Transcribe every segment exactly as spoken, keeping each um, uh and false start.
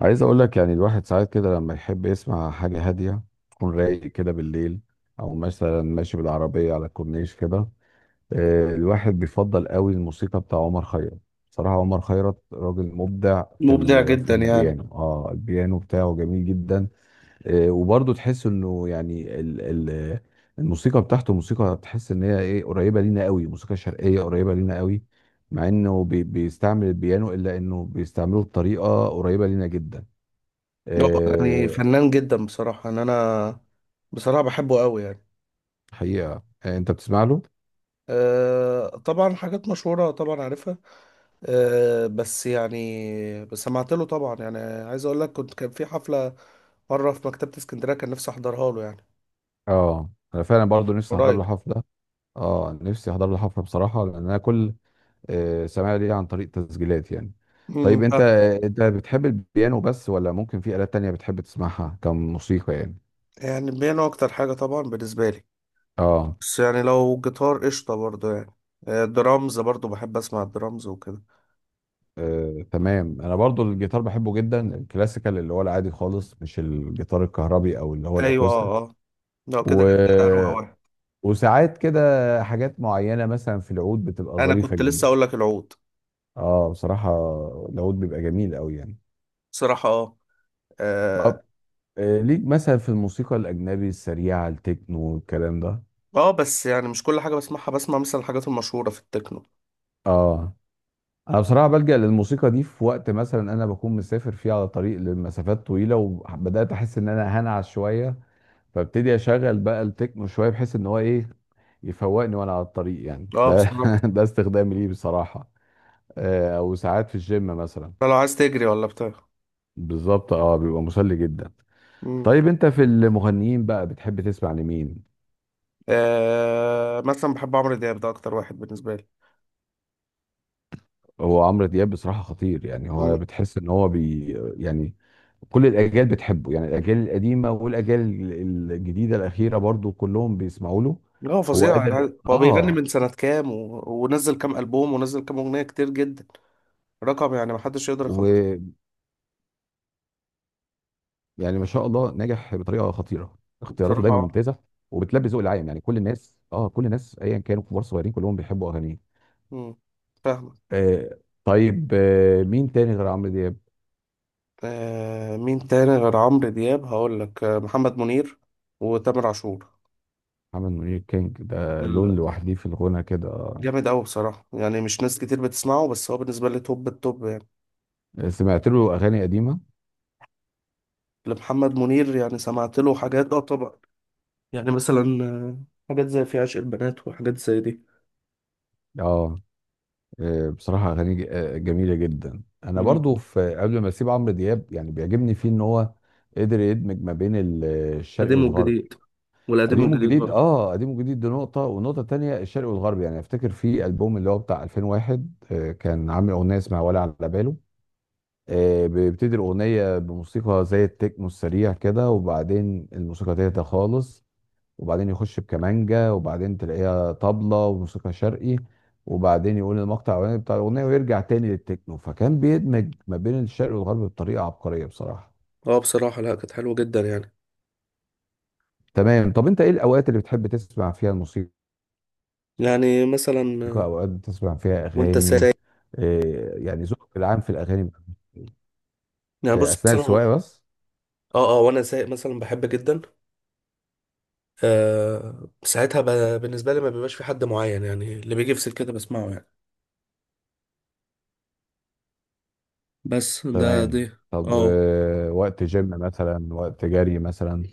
عايز اقول لك يعني الواحد ساعات كده لما يحب يسمع حاجة هادية، تكون رايق كده بالليل او مثلا ماشي بالعربية على الكورنيش كده. آه، الواحد بيفضل قوي الموسيقى بتاع عمر خيرت. بصراحة عمر خيرت راجل مبدع في مبدع ال- في جدا يعني. البيانو. اه البيانو بتاعه جميل جدا. آه، وبرضه تحس انه يعني ال ال الموسيقى بتاعته موسيقى، تحس ان هي ايه، قريبة لينا قوي، موسيقى شرقية قريبة لينا قوي. مع انه بي- بيستعمل البيانو، الا انه بيستعمله بطريقة قريبة لينا جدا. هو يعني آه، فنان جدا بصراحة ان انا بصراحة بحبه قوي يعني. حقيقة. آه، انت بتسمع له؟ أه طبعا حاجات مشهورة طبعا عارفها. أه بس يعني بس سمعت له طبعا يعني، عايز اقول لك كنت كان في حفلة مرة في مكتبة اسكندرية كان نفسي احضرها له يعني. اه انا فعلا برضو نفسي احضر قريب. له حفلة. اه نفسي احضر له حفلة بصراحة، لان انا كل آه، سماع ليه عن طريق تسجيلات يعني. م- م. طيب انت، ف- انت بتحب البيانو بس ولا ممكن في آلات تانية بتحب تسمعها كموسيقى يعني؟ يعني بيانو اكتر حاجة طبعا بالنسبة لي. اه بس يعني لو جيتار قشطة برضه يعني، آه، درامز برضه بحب اسمع الدرامز وكده. آه، تمام. انا برضو الجيتار بحبه جدا، الكلاسيكال اللي هو العادي خالص، مش الجيتار الكهربي او اللي هو ايوه الاكوستيك. اه اه. لو كده و... هبقى أروق أوي. وساعات كده حاجات معينة مثلا في العود بتبقى انا ظريفة كنت لسه اقول جدا. لك العود، اه بصراحة العود بيبقى جميل قوي يعني. بصراحة اه اه. طب آه، ليك مثلا في الموسيقى الأجنبي السريعة، التكنو والكلام ده؟ آه، بس يعني مش كل حاجة بسمعها، بسمع مثلا الحاجات المشهورة في التكنو. اه انا بصراحة بلجأ للموسيقى دي في وقت مثلا انا بكون مسافر فيه على طريق لمسافات طويلة، وبدأت احس ان انا هنعس شوية، فابتدي اشغل بقى التكنو شوية، بحيث ان هو ايه، يفوقني وانا على الطريق يعني. اه ده بصراحة. ده استخدامي ليه بصراحة. آه، او ساعات في الجيم مثلا. ده لو عايز تجري ولا بتاع. بالظبط، اه بيبقى مسلي جدا. مم. طيب انت في المغنيين بقى بتحب تسمع لمين؟ آه، مثلا بحب عمرو دياب، ده أكتر واحد بالنسبة لي. هو عمرو دياب بصراحة خطير يعني، هو مم. بتحس ان هو بي يعني كل الاجيال بتحبه يعني، الاجيال القديمة والاجيال ال- الجديدة الاخيرة برضو كلهم بيسمعوا له. لا هو هو فظيع قادر. يعني، هو بيغني من اه سنة كام و... ونزل كام ألبوم ونزل كام أغنية كتير جدا. رقم يعني محدش يقدر يخلصه. ويعني ما شاء الله، ناجح بطريقة خطيرة، اختياراته بصراحة دايما اه. ممتازة، وبتلبي ذوق العام يعني، كل الناس اه كل الناس ايا كانوا كبار صغيرين كلهم بيحبوا اغانيه. مم. فاهمك. آه. طيب آه، مين تاني غير عمرو دياب؟ آه، مين تاني غير عمرو دياب؟ هقول لك آه، محمد منير وتامر عاشور. محمد منير كينج، ده لون لوحدي في الغنى كده. آه، جامد قوي بصراحة يعني، مش ناس كتير بتسمعه بس هو بالنسبة لي توب التوب يعني. سمعت له اغاني قديمة. لمحمد منير يعني سمعت له حاجات اه طبعا. يعني مثلا آه، حاجات زي في عشق البنات وحاجات زي دي. اه آه، بصراحة أغاني ج- آه، جميلة جدا. أنا مم. برضو في قبل ما أسيب عمرو دياب، يعني بيعجبني فيه إن هو قدر يدمج ما بين ال- الشرقي قديم والغرب. والجديد، والقديم قديم والجديد وجديد برضه. أه، قديم وجديد دي نقطة، والنقطة التانية الشرقي والغرب. يعني أفتكر في ألبوم اللي هو بتاع ألفين وواحد آه، كان عامل أغنية اسمها ولا على باله. آه، بيبتدي الأغنية بموسيقى زي التكنو السريع كده، وبعدين الموسيقى تهدى خالص، وبعدين يخش بكمانجا، وبعدين تلاقيها طبلة وموسيقى شرقي، وبعدين يقول المقطع الاولاني بتاع الاغنيه، ويرجع تاني للتكنو. فكان بيدمج ما بين الشرق والغرب بطريقه عبقريه بصراحه. اه بصراحة، لا كانت حلوة جدا يعني. تمام. طب انت ايه الاوقات اللي بتحب تسمع فيها الموسيقى؟ يعني مثلا آه، اوقات بتسمع فيها وانت اغاني؟ سايق. إيه يعني ذوقك العام في الاغاني؟ يعني إيه، بص اثناء مثلا اه. السواقه بس؟ اه وانا سايق مثلا بحب جدا. آه ساعتها ب... بالنسبة لي ما بيبقاش في حد معين يعني، اللي بيجي في سكتي بسمعه يعني. بس ده دي. تمام. طب اه آه، وقت جيم مثلا، وقت جري مثلا؟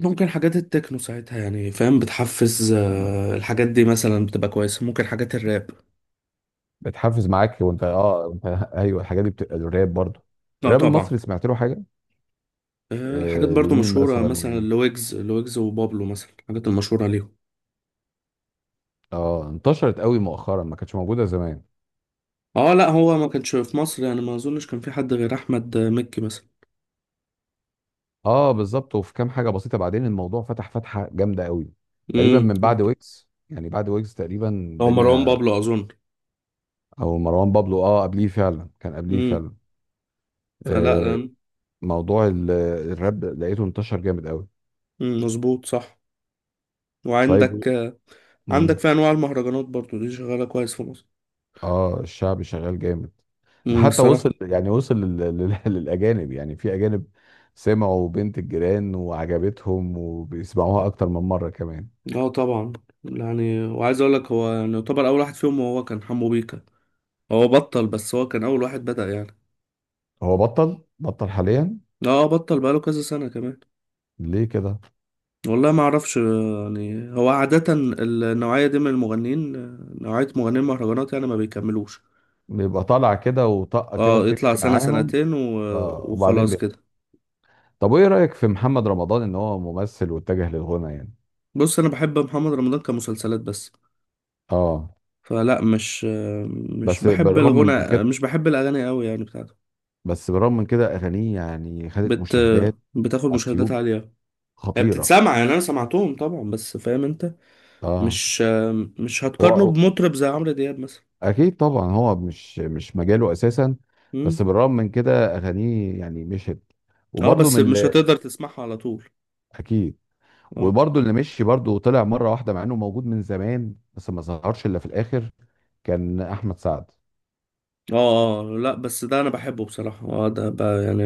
ممكن حاجات التكنو ساعتها يعني فاهم، بتحفز. آه، الحاجات دي مثلا بتبقى كويسة، ممكن حاجات الراب. بتحفز معاك وانت اه انت ايوه، الحاجات دي بتبقى الراب برضه. اه الراب طبعا. المصري سمعت له حاجه؟ آه، حاجات آه برضو لمين مشهورة مثلا مثلا وايه؟ لويجز لويجز وبابلو، مثلا الحاجات المشهورة ليهم. اه انتشرت قوي مؤخرا، ما كانتش موجوده زمان. اه لا، هو ما كانش في مصر يعني، ما اظنش كان في حد غير احمد آه، مكي مثلا. اه بالظبط، وفي كام حاجه بسيطه بعدين الموضوع فتح فتحه جامده قوي. تقريبا من امم. بعد ويجز، يعني بعد ويجز تقريبا هو مروان الدنيا. بابلو اظن. او مروان بابلو، اه قبليه فعلا، كان قبليه امم فعلا. فلا آه آم، موضوع ال- الراب لقيته انتشر جامد قوي. مم، مظبوط صح. طيب وعندك آه، امم. عندك في انواع المهرجانات برضو دي شغالة كويس في مصر. اه الشعب شغال جامد. ده امم حتى بصراحة. وصل يعني وصل لل... لل... للاجانب يعني، في اجانب سمعوا بنت الجيران وعجبتهم وبيسمعوها اكتر من مره كمان. اه طبعا. يعني وعايز اقول لك، هو يعني يعتبر اول واحد فيهم هو كان حمو بيكا. هو بطل، بس هو كان اول واحد بدأ يعني. هو بطل بطل حاليا. اه بطل بقاله كذا سنة كمان. ليه كده؟ والله ما اعرفش يعني، هو عادة النوعية دي من المغنيين، نوعية مغنيين المهرجانات يعني ما بيكملوش. بيبقى طالع كده، وطاقة كده اه يطلع بتمشي سنة معاهم. سنتين و... آه وبعدين وخلاص بي... كده. طب وايه رأيك في محمد رمضان، ان هو ممثل واتجه للغنى يعني؟ بص انا بحب محمد رمضان كمسلسلات بس. اه. فلا مش مش بس بحب بالرغم من الغنى، كده مش بحب الاغاني قوي يعني بتاعته. بس بالرغم من كده اغانيه يعني خدت بت... مشاهدات بتاخد على مشاهدات اليوتيوب عالية. هي خطيرة. بتتسمع يعني، انا سمعتهم طبعا بس فاهم انت. اه مش مش هتقارنه هو بمطرب زي عمرو دياب مثلا. اكيد طبعا، هو مش مش مجاله اساسا. امم. بس بالرغم من كده اغانيه يعني مشت. اه وبرضه بس من مش ال- هتقدر تسمعها على طول. اكيد. اه وبرضه اللي مشي برضه طلع مره واحده، مع انه موجود من زمان بس ما ظهرش الا في الاخر، كان احمد سعد. اه اه آه. لا بس ده انا بحبه بصراحة، اه ده بقى يعني.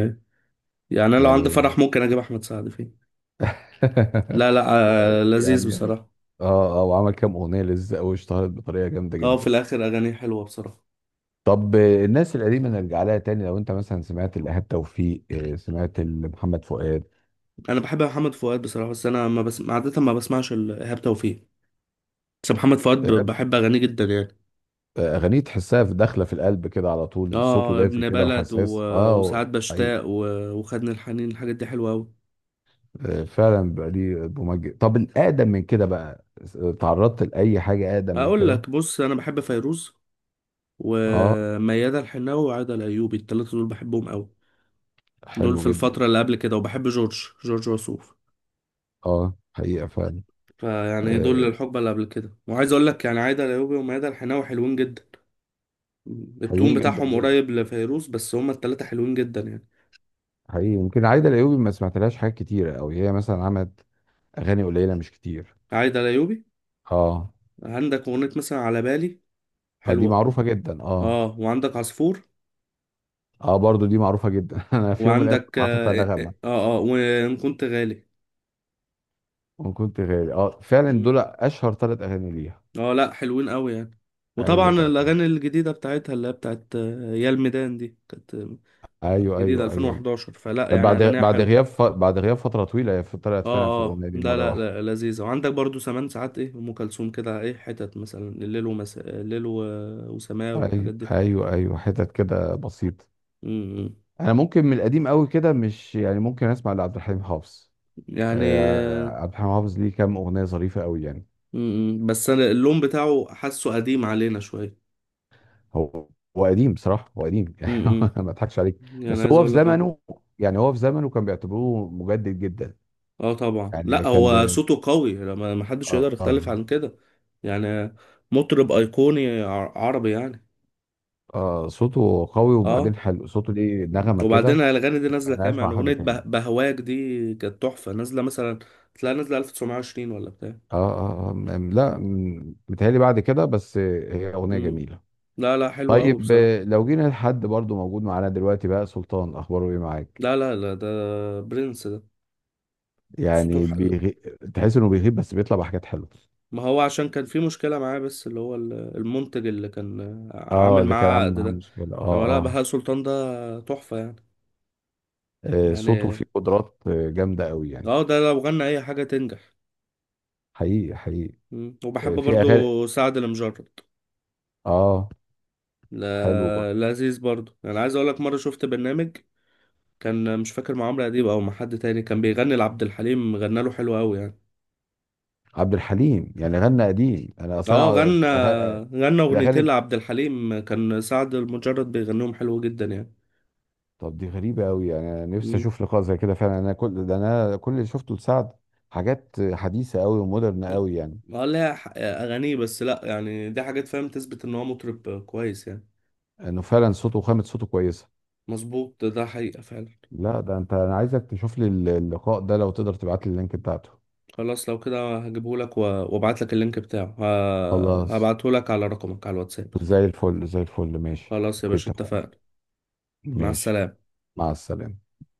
يعني انا لو عندي يعني فرح ممكن اجيب احمد سعد فيه. لا لا، آه لذيذ يعني بصراحة. اه اه. وعمل كام اغنيه لزق واشتهرت بطريقه جامده اه في جدا. الاخر اغانيه حلوة بصراحة. طب آه، الناس القديمه نرجع لها تاني. لو انت مثلا سمعت الايهاب توفيق، آه، سمعت محمد فؤاد؟ انا بحب محمد فؤاد بصراحة، بس انا ما بس عادة ما بسمعش ال- ايهاب توفيق. بس محمد فؤاد ب- إيهاب، بحب اغانيه جدا يعني. آه، اغانيه تحسها في داخله، في القلب كده على طول، صوته اه دافي ابن كده بلد و... وحساس اه. وساعات حقيقي. بشتاق و... وخدني الحنين، الحاجات دي حلوة أوي. آه، فعلا بقى ليه مميز. طب الاقدم من كده بقى، آه، تعرضت لاي حاجه اقدم من أقول كده؟ لك بص، أنا بحب فيروز اه وميادة الحناوي وعادة الأيوبي، التلاتة دول بحبهم أوي. دول حلو في جدا. الفترة اللي قبل كده، وبحب جورج جورج وسوف. اه حقيقة فعلا. فيعني دول آه الحقبة اللي قبل كده، وعايز أقول لك يعني عادة الأيوبي وميادة الحناوي حلوين جدا. التون حلوين جدا بتاعهم جدا. قريب لفيروز، بس هما التلاتة حلوين جدا يعني. حقيقي يمكن عايدة الأيوبي ما سمعتلهاش حاجات كتيرة أوي، هي مثلا عملت أغاني قليلة مش كتير. عادة الأيوبي، اه عندك أغنية مثلا على بالي، آه، دي حلوة. معروفة جدا. اه اه وعندك عصفور. اه برضو دي معروفة جدا. أنا في يوم من الأيام وعندك كنت حاططها اه اه نغمة. آه، آه، آه، وان كنت غالي. وكنت غالي، اه فعلا مم. دول أشهر ثلاث أغاني ليها. اه لا، حلوين قوي يعني. وطبعا أيوه الاغاني الجديده بتاعتها اللي هي بتاعت آه، يا الميدان دي كانت آه، أيوه جديده أيوه أيوه. ألفين وحداشر، فلا كانت يعني بعد اغانيها بعد حلوه. غياب ف... بعد غياب فترة طويلة، هي طلعت فعلا في اه اه الأغنية دي لا مرة لا واحدة. لا، لذيذه. وعندك برضو زمان ساعات ايه ام كلثوم كده، ايه حتت مثلا الليل ومساء الليل و... وسماء والحاجات أيوه دي. أيوه أيوه، حتت كده بسيطة. مم. انا ممكن من القديم قوي كده مش يعني، ممكن اسمع لعبد الحليم حافظ. يعني آه، آه، عبد الحليم حافظ ليه كام اغنيه ظريفه قوي يعني. مم. بس انا اللون بتاعه حاسه قديم علينا شويه. هو هو قديم بصراحه، هو قديم يعني. مم. ما اضحكش عليك. يعني بس عايز هو في اقول لك. زمنه، يعني هو في زمنه كان بيعتبروه مجدد جدا. اه طبعا، يعني لا كان هو ب... صوته قوي، لما ما حدش يقدر يختلف آه. عن كده. يعني مطرب ايقوني ع- عربي يعني. آه صوته قوي، اه وبعدين حلو صوته، ليه نغمه وبعدين كده. الاغاني دي ما نازله كام، سمعناهاش يعني مع حد اغنيه به- تاني. بهواك دي كانت تحفه نازله مثلا. تلاقي نازله ألف وتسعمية وعشرين ولا بتاع. اه اه آه، م- لا م- متهيألي بعد كده، بس هي اغنيه مم. جميله. لا لا حلو قوي طيب بصراحه. آه، لو جينا لحد برضو موجود معانا دلوقتي بقى، سلطان اخباره ايه معاك؟ لا لا لا ده، برنس ده. صوته يعني ح... بيغي... تحس انه بيغيب بس بيطلع بحاجات حلوه. ما هو عشان كان في مشكله معاه، بس اللي هو ال- المنتج اللي كان اه عامل اللي كان معاه عامل عقد معاه ده. مشكله لما لا، اه اه. بهاء سلطان ده تحفه يعني. آه، صوته يعني فيه قدرات آه، جامده قوي يعني. اه ده لو غنى اي حاجة تنجح. حقيقي حقيقي. مم. وبحب آه، في اغاني. برضو سعد المجرد. اه حلو برضه. لا لذيذ برضو، انا عايز اقولك مرة شفت برنامج كان مش فاكر مع عمرو اديب او مع حد تاني، كان بيغني لعبد الحليم، غنى له حلو قوي يعني. عبد الحليم يعني غنى قديم، انا اصلا اه أقعد غنى، أش- أغ... غنى اغنيتين الاغاني. لعبد الحليم كان سعد المجرد بيغنيهم حلو جدا يعني. طب دي غريبه قوي يعني، انا نفسي مم. اشوف لقاء زي كده فعلا. انا كل ده انا كل اللي شفته لسعد حاجات حديثه قوي ومودرن قوي يعني. اه لا، ح- اغانيه بس، لا يعني دي حاجات فاهم تثبت ان هو مطرب كويس يعني. انه فعلا صوته وخامة صوته كويسة. مظبوط، ده حقيقة فعلا. لا ده انت، انا عايزك تشوف لي الل- اللقاء ده، لو تقدر تبعت لي اللينك بتاعته. خلاص لو كده هجيبهولك و- وابعتلك اللينك بتاعه، ه- خلاص. هبعتهولك على رقمك على الواتساب. زي الفل زي الفل ماشي، خلاص يا اوكي باشا، اتفقنا. اتفقنا. مع ماشي. السلامة. مع السلامة.